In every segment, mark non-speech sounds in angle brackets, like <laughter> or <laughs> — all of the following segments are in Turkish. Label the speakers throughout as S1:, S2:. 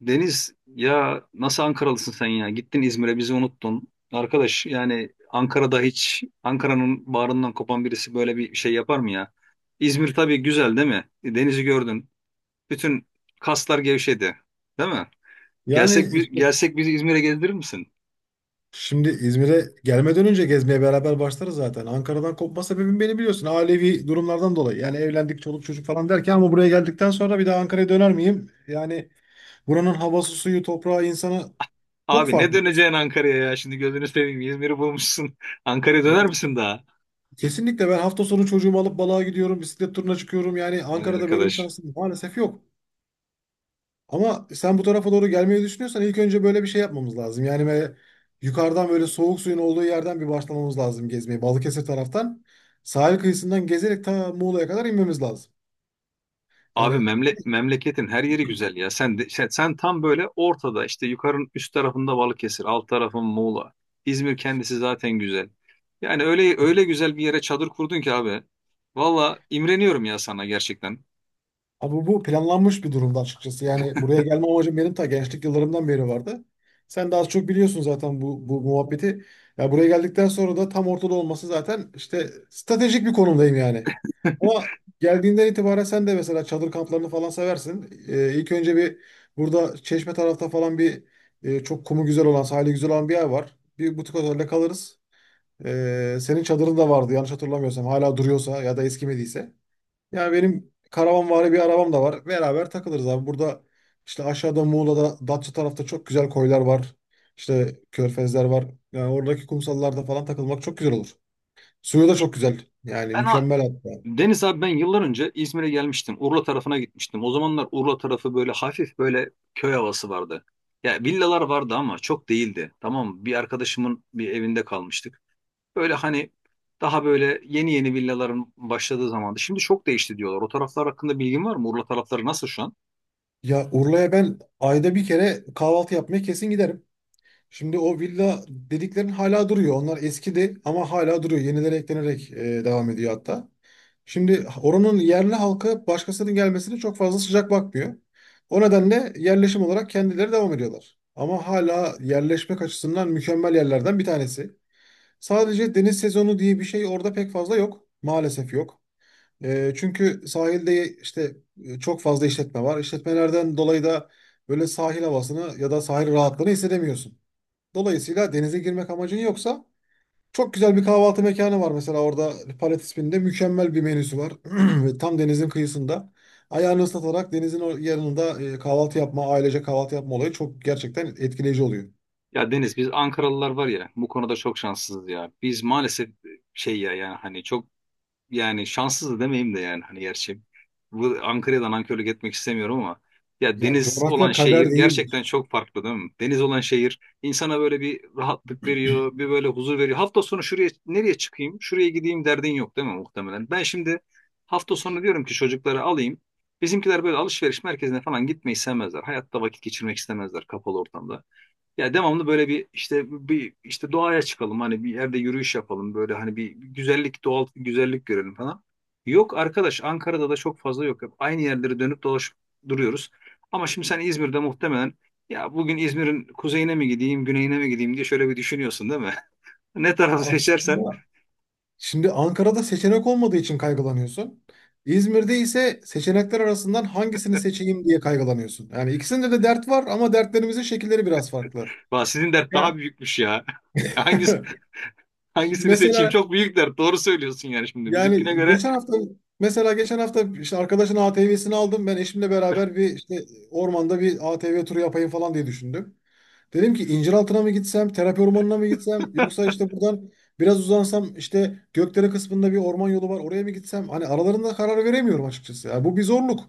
S1: Deniz, ya nasıl Ankaralısın sen ya? Gittin İzmir'e bizi unuttun. Arkadaş, yani Ankara'da hiç Ankara'nın bağrından kopan birisi böyle bir şey yapar mı ya? İzmir tabii güzel, değil mi? Denizi gördün. Bütün kaslar gevşedi. Değil mi?
S2: Yani işte
S1: Gelsek bizi İzmir'e gezdirir misin?
S2: şimdi İzmir'e gelmeden önce gezmeye beraber başlarız zaten. Ankara'dan kopma sebebim beni biliyorsun. Ailevi durumlardan dolayı. Yani evlendik, çoluk çocuk falan derken ama buraya geldikten sonra bir daha Ankara'ya döner miyim? Yani buranın havası, suyu, toprağı, insanı çok
S1: Abi, ne
S2: farklı.
S1: döneceksin Ankara'ya ya? Şimdi gözünü seveyim, İzmir'i bulmuşsun. <laughs> Ankara'ya döner
S2: Yani
S1: misin daha?
S2: kesinlikle ben hafta sonu çocuğumu alıp balığa gidiyorum, bisiklet turuna çıkıyorum. Yani
S1: Ay
S2: Ankara'da böyle bir
S1: arkadaş.
S2: şansım maalesef yok. Ama sen bu tarafa doğru gelmeyi düşünüyorsan ilk önce böyle bir şey yapmamız lazım. Yani böyle yukarıdan böyle soğuk suyun olduğu yerden bir başlamamız lazım gezmeye. Balıkesir taraftan sahil kıyısından gezerek ta Muğla'ya kadar inmemiz lazım.
S1: Abi
S2: Yani
S1: memle memleketin her yeri güzel ya. Sen tam böyle ortada, işte yukarının üst tarafında Balıkesir, alt tarafın Muğla. İzmir kendisi zaten güzel. Yani öyle öyle güzel bir yere çadır kurdun ki abi. Valla imreniyorum ya sana, gerçekten.
S2: Abi bu planlanmış bir durumda açıkçası. Yani buraya gelme amacım benim ta gençlik yıllarımdan beri vardı. Sen de az çok biliyorsun zaten bu muhabbeti. Ya buraya geldikten sonra da tam ortada olması zaten işte stratejik bir konumdayım yani. Ama
S1: <laughs>
S2: geldiğinden itibaren sen de mesela çadır kamplarını falan seversin. İlk önce bir burada Çeşme tarafta falan bir çok kumu güzel olan, sahili güzel olan bir yer var. Bir butik otelde kalırız. Senin çadırın da vardı yanlış hatırlamıyorsam. Hala duruyorsa ya da eskimediyse. Yani benim karavanvari bir arabam da var. Beraber takılırız abi. Burada işte aşağıda Muğla'da Datça tarafta çok güzel koylar var. İşte körfezler var. Yani oradaki kumsallarda falan takılmak çok güzel olur. Suyu da çok güzel. Yani
S1: Ben ha-
S2: mükemmel hatta.
S1: Deniz abi, ben yıllar önce İzmir'e gelmiştim. Urla tarafına gitmiştim. O zamanlar Urla tarafı böyle hafif böyle köy havası vardı. Ya villalar vardı ama çok değildi. Tamam mı? Bir arkadaşımın bir evinde kalmıştık. Böyle hani daha böyle yeni yeni villaların başladığı zamandı. Şimdi çok değişti diyorlar. O taraflar hakkında bilgin var mı? Urla tarafları nasıl şu an?
S2: Ya Urla'ya ben ayda bir kere kahvaltı yapmaya kesin giderim. Şimdi o villa dediklerin hala duruyor. Onlar eskidi ama hala duruyor. Yenileri eklenerek devam ediyor hatta. Şimdi oranın yerli halkı başkasının gelmesine çok fazla sıcak bakmıyor. O nedenle yerleşim olarak kendileri devam ediyorlar. Ama hala yerleşmek açısından mükemmel yerlerden bir tanesi. Sadece deniz sezonu diye bir şey orada pek fazla yok. Maalesef yok. Çünkü sahilde işte çok fazla işletme var. İşletmelerden dolayı da böyle sahil havasını ya da sahil rahatlığını hissedemiyorsun. Dolayısıyla denize girmek amacın yoksa çok güzel bir kahvaltı mekanı var mesela orada Palet isminde. Mükemmel bir menüsü var. <clears throat> Ve tam denizin kıyısında. Ayağını ıslatarak denizin o yanında kahvaltı yapma, ailece kahvaltı yapma olayı çok gerçekten etkileyici oluyor.
S1: Ya Deniz, biz Ankaralılar var ya, bu konuda çok şanssızız ya. Biz maalesef şey ya, yani hani çok, yani şanssız da demeyeyim de, yani hani gerçi bu Ankara'dan nankörlük etmek istemiyorum ama ya
S2: Ya
S1: deniz olan
S2: coğrafya
S1: şehir
S2: kader
S1: gerçekten
S2: değilmiş.
S1: çok farklı, değil mi? Deniz olan şehir insana böyle bir rahatlık veriyor, bir böyle huzur veriyor. Hafta sonu şuraya nereye çıkayım, şuraya gideyim derdin yok, değil mi muhtemelen? Ben şimdi hafta sonu diyorum ki çocukları alayım. Bizimkiler böyle alışveriş merkezine falan gitmeyi sevmezler. Hayatta vakit geçirmek istemezler kapalı ortamda. Ya devamlı böyle bir işte doğaya çıkalım, hani bir yerde yürüyüş yapalım, böyle hani bir güzellik, doğal güzellik görelim falan. Yok arkadaş, Ankara'da da çok fazla yok. Hep aynı yerlere dönüp dolaşıp duruyoruz. Ama şimdi sen İzmir'de muhtemelen ya bugün İzmir'in kuzeyine mi gideyim, güneyine mi gideyim diye şöyle bir düşünüyorsun, değil mi? <laughs> Ne tarafı seçersen.
S2: Aslında şimdi Ankara'da seçenek olmadığı için kaygılanıyorsun. İzmir'de ise seçenekler arasından hangisini seçeyim diye kaygılanıyorsun. Yani ikisinde de dert var ama dertlerimizin şekilleri biraz farklı.
S1: Vah, sizin dert daha
S2: Ya,
S1: büyükmüş ya. <laughs> Hangisi,
S2: <laughs> şimdi
S1: hangisini seçeyim?
S2: mesela,
S1: Çok büyük dert. Doğru söylüyorsun, yani şimdi bizimkine
S2: yani
S1: göre.
S2: geçen hafta, mesela geçen hafta işte arkadaşın ATV'sini aldım. Ben eşimle beraber bir işte ormanda bir ATV turu yapayım falan diye düşündüm. Dedim ki İnciraltı'na mı gitsem, terapi ormanına mı gitsem
S1: <laughs>
S2: yoksa işte buradan biraz uzansam işte Gökdere kısmında bir orman yolu var oraya mı gitsem? Hani aralarında karar veremiyorum açıkçası. Yani bu bir zorluk.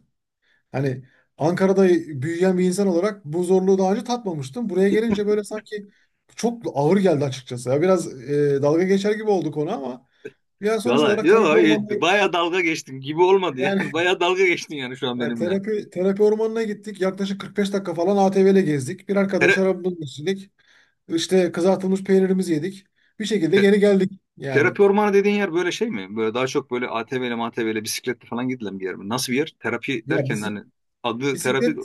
S2: Hani Ankara'da büyüyen bir insan olarak bu zorluğu daha önce tatmamıştım. Buraya gelince böyle sanki çok ağır geldi açıkçası. Ya biraz dalga geçer gibi olduk ona ama ya sonuç
S1: Valla
S2: olarak terapi
S1: yok,
S2: ormanına,
S1: baya dalga geçtin gibi olmadı yani. <laughs>
S2: yani, <laughs>
S1: Baya dalga geçtin yani şu an
S2: yani
S1: benimle.
S2: terapi ormanına gittik. Yaklaşık 45 dakika falan ATV ile gezdik. Bir arkadaş
S1: Tere-
S2: arabamızı istedik. İşte kızartılmış peynirimizi yedik. Bir şekilde
S1: te-
S2: geri geldik. Yani,
S1: terapi ormanı dediğin yer böyle şey mi? Böyle daha çok böyle ATV'li MATV'li bisikletle falan gidilen bir yer mi? Nasıl bir yer? Terapi
S2: ya,
S1: derken hani
S2: bisik-
S1: adı terapi
S2: bisiklet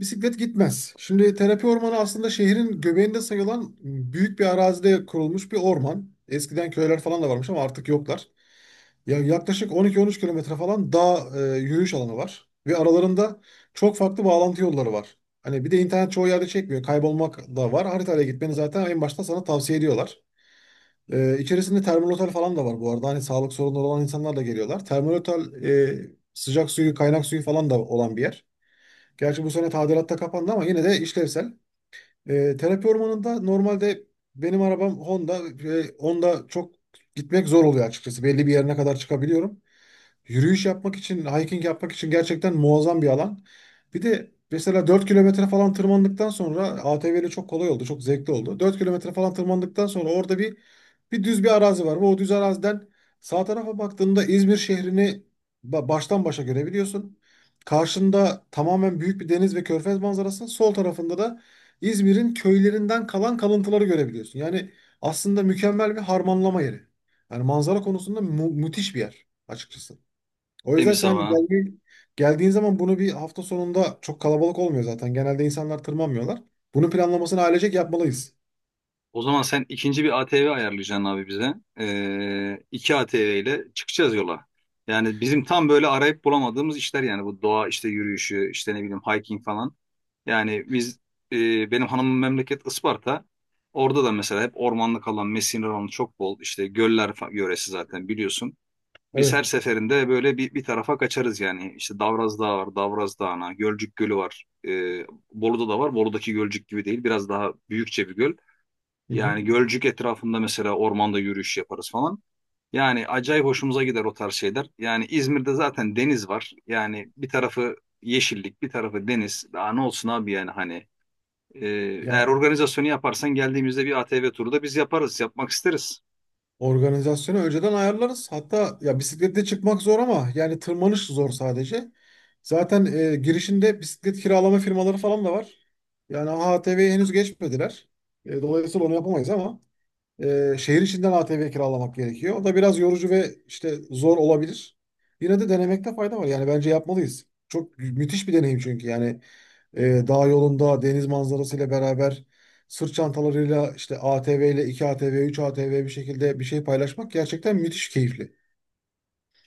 S2: Bisiklet gitmez. Şimdi terapi ormanı aslında şehrin göbeğinde sayılan büyük bir arazide kurulmuş bir orman. Eskiden köyler falan da varmış ama artık yoklar. Ya yaklaşık 12-13 kilometre falan dağ yürüyüş alanı var. Ve aralarında çok farklı bağlantı yolları var. Hani bir de internet çoğu yerde çekmiyor. Kaybolmak da var. Haritayla gitmeni zaten en başta sana tavsiye ediyorlar. İçerisinde termal otel falan da var bu arada. Hani sağlık sorunları olan insanlar da geliyorlar. Termal otel, sıcak suyu, kaynak suyu falan da olan bir yer. Gerçi bu sene tadilatta kapandı ama yine de işlevsel. Terapi ormanında normalde benim arabam Honda. Honda çok gitmek zor oluyor açıkçası. Belli bir yerine kadar çıkabiliyorum. Yürüyüş yapmak için, hiking yapmak için gerçekten muazzam bir alan. Bir de mesela 4 kilometre falan tırmandıktan sonra ATV ile çok kolay oldu, çok zevkli oldu. 4 kilometre falan tırmandıktan sonra orada bir düz bir arazi var. Bu o düz araziden sağ tarafa baktığında İzmir şehrini baştan başa görebiliyorsun. Karşında tamamen büyük bir deniz ve körfez manzarası. Sol tarafında da İzmir'in köylerinden kalan kalıntıları görebiliyorsun. Yani aslında mükemmel bir harmanlama yeri. Yani manzara konusunda müthiş bir yer açıkçası. O yüzden
S1: demiş
S2: sen
S1: ama.
S2: geldiğin zaman bunu bir hafta sonunda çok kalabalık olmuyor zaten. Genelde insanlar tırmanmıyorlar. Bunun planlamasını ailecek yapmalıyız.
S1: O zaman sen ikinci bir ATV ayarlayacaksın abi bize. İki ATV ile çıkacağız yola. Yani bizim tam böyle arayıp bulamadığımız işler yani, bu doğa işte yürüyüşü, işte ne bileyim hiking falan. Yani biz benim hanımın memleket Isparta. Orada da mesela hep ormanlık alan, mesire alanı çok bol. İşte yöresi zaten biliyorsun. Biz her
S2: Evet.
S1: seferinde böyle bir tarafa kaçarız yani. İşte Davraz Dağı var, Davraz Dağı'na, Gölcük Gölü var. Bolu'da da var. Bolu'daki Gölcük gibi değil. Biraz daha büyükçe bir göl.
S2: Hı hı.
S1: Yani Gölcük etrafında mesela ormanda yürüyüş yaparız falan. Yani acayip hoşumuza gider o tarz şeyler. Yani İzmir'de zaten deniz var. Yani bir tarafı yeşillik, bir tarafı deniz. Daha ne olsun abi, yani hani. Ee, eğer organizasyonu yaparsan, geldiğimizde bir ATV turu da biz yaparız, yapmak isteriz.
S2: Organizasyonu önceden ayarlarız. Hatta ya bisikletle çıkmak zor ama yani tırmanış zor sadece. Zaten girişinde bisiklet kiralama firmaları falan da var. Yani AHTV'ye henüz geçmediler. Dolayısıyla onu yapamayız ama şehir içinden ATV kiralamak gerekiyor. O da biraz yorucu ve işte zor olabilir. Yine de denemekte fayda var. Yani bence yapmalıyız. Çok müthiş bir deneyim çünkü. Yani e, dağ yolunda deniz manzarasıyla beraber sırt çantalarıyla işte ATV ile 2 ATV, 3 ATV bir şekilde bir şey paylaşmak gerçekten müthiş keyifli.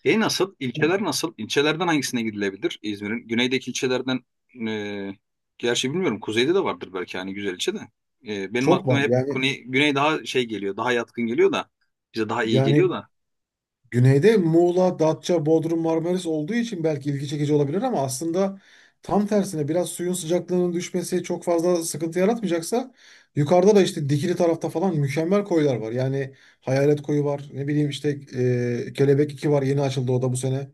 S1: E nasıl? İlçeler nasıl? İlçelerden hangisine gidilebilir? İzmir'in güneydeki ilçelerden e, gerçi bilmiyorum, kuzeyde de vardır belki hani güzel ilçe de. Benim
S2: Çok
S1: aklıma
S2: var
S1: hep
S2: yani.
S1: güney, güney daha şey geliyor, daha yatkın geliyor da bize daha iyi geliyor
S2: yani
S1: da.
S2: Güneyde Muğla, Datça, Bodrum, Marmaris olduğu için belki ilgi çekici olabilir ama aslında tam tersine biraz suyun sıcaklığının düşmesi çok fazla sıkıntı yaratmayacaksa yukarıda da işte Dikili tarafta falan mükemmel koylar var. Yani Hayalet Koyu var. Ne bileyim işte Kelebek 2 var. Yeni açıldı o da bu sene.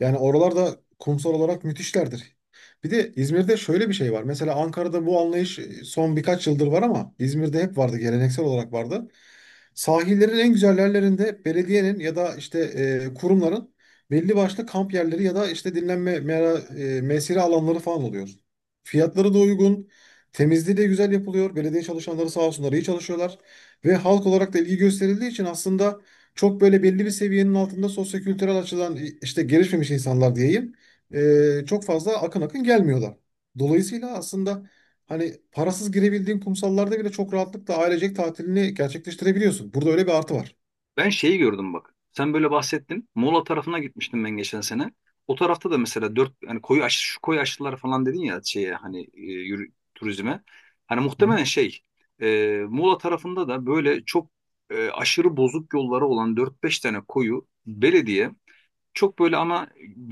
S2: Yani oralarda kumsal olarak müthişlerdir. Bir de İzmir'de şöyle bir şey var. Mesela Ankara'da bu anlayış son birkaç yıldır var ama İzmir'de hep vardı. Geleneksel olarak vardı. Sahillerin en güzel yerlerinde belediyenin ya da işte kurumların belli başlı kamp yerleri ya da işte dinlenme mesire alanları falan oluyor. Fiyatları da uygun. Temizliği de güzel yapılıyor. Belediye çalışanları sağ olsunlar iyi çalışıyorlar. Ve halk olarak da ilgi gösterildiği için aslında çok böyle belli bir seviyenin altında sosyokültürel açıdan işte gelişmemiş insanlar diyeyim. Çok fazla akın akın gelmiyorlar. Dolayısıyla aslında hani parasız girebildiğin kumsallarda bile çok rahatlıkla ailecek tatilini gerçekleştirebiliyorsun. Burada öyle bir artı var.
S1: Ben şeyi gördüm bak. Sen böyle bahsettin. Muğla tarafına gitmiştim ben geçen sene. O tarafta da mesela dört hani koyu aş şu koyu aşılar falan dedin ya şeye, hani turizme. Hani
S2: Hı hı.
S1: muhtemelen şey, Muğla tarafında da böyle çok, aşırı bozuk yolları olan dört beş tane koyu belediye çok böyle ama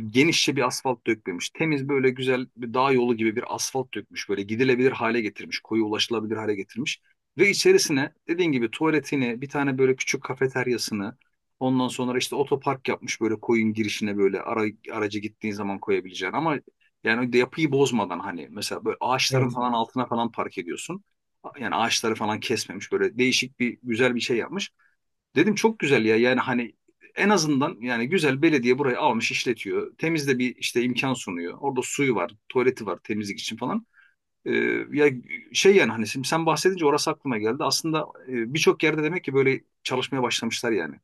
S1: genişçe bir asfalt dökmemiş. Temiz böyle güzel bir dağ yolu gibi bir asfalt dökmüş. Böyle gidilebilir hale getirmiş. Koyu ulaşılabilir hale getirmiş. Ve içerisine dediğin gibi tuvaletini, bir tane böyle küçük kafeteryasını, ondan sonra işte otopark yapmış böyle koyun girişine böyle aracı gittiğin zaman koyabileceğin. Ama yani de yapıyı bozmadan hani mesela böyle ağaçların
S2: Evet.
S1: falan altına falan park ediyorsun. Yani ağaçları falan kesmemiş, böyle değişik bir güzel bir şey yapmış. Dedim çok güzel ya, yani hani en azından, yani güzel, belediye burayı almış işletiyor. Temizde bir işte imkan sunuyor. Orada suyu var, tuvaleti var temizlik için falan. Ee, ya şey yani hani, şimdi sen bahsedince orası aklıma geldi. Aslında birçok yerde demek ki böyle çalışmaya başlamışlar yani.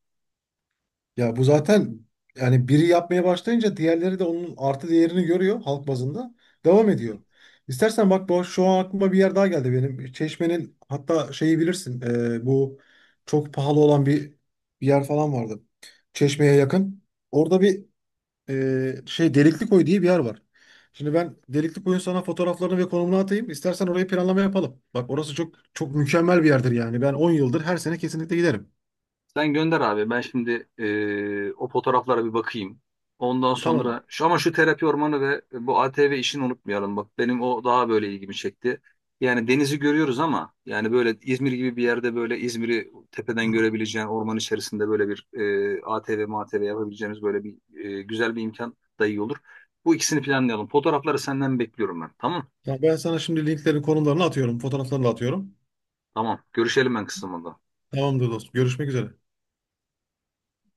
S2: Ya bu zaten yani biri yapmaya başlayınca diğerleri de onun artı değerini görüyor halk bazında. Devam ediyor. İstersen bak, şu an aklıma bir yer daha geldi benim. Çeşme'nin hatta şeyi bilirsin. Bu çok pahalı olan bir yer falan vardı. Çeşme'ye yakın. Orada bir, şey, Delikli Koy diye bir yer var. Şimdi ben Delikli Koy'un sana fotoğraflarını ve konumunu atayım. İstersen orayı planlama yapalım. Bak orası çok çok mükemmel bir yerdir yani. Ben 10 yıldır her sene kesinlikle giderim.
S1: Sen gönder abi. Ben şimdi o fotoğraflara bir bakayım. Ondan
S2: Tamam.
S1: sonra şu terapi ormanı ve bu ATV işini unutmayalım. Bak, benim o daha böyle ilgimi çekti. Yani denizi görüyoruz ama yani böyle İzmir gibi bir yerde böyle İzmir'i tepeden
S2: <clears throat>
S1: görebileceğin orman içerisinde böyle bir ATV, MATV yapabileceğimiz böyle bir güzel bir imkan da iyi olur. Bu ikisini planlayalım. Fotoğrafları senden bekliyorum ben. Tamam.
S2: Ya ben sana şimdi linklerin konumlarını atıyorum, fotoğraflarını da atıyorum.
S1: Tamam. Görüşelim ben kısmında.
S2: Tamamdır dostum. Görüşmek üzere.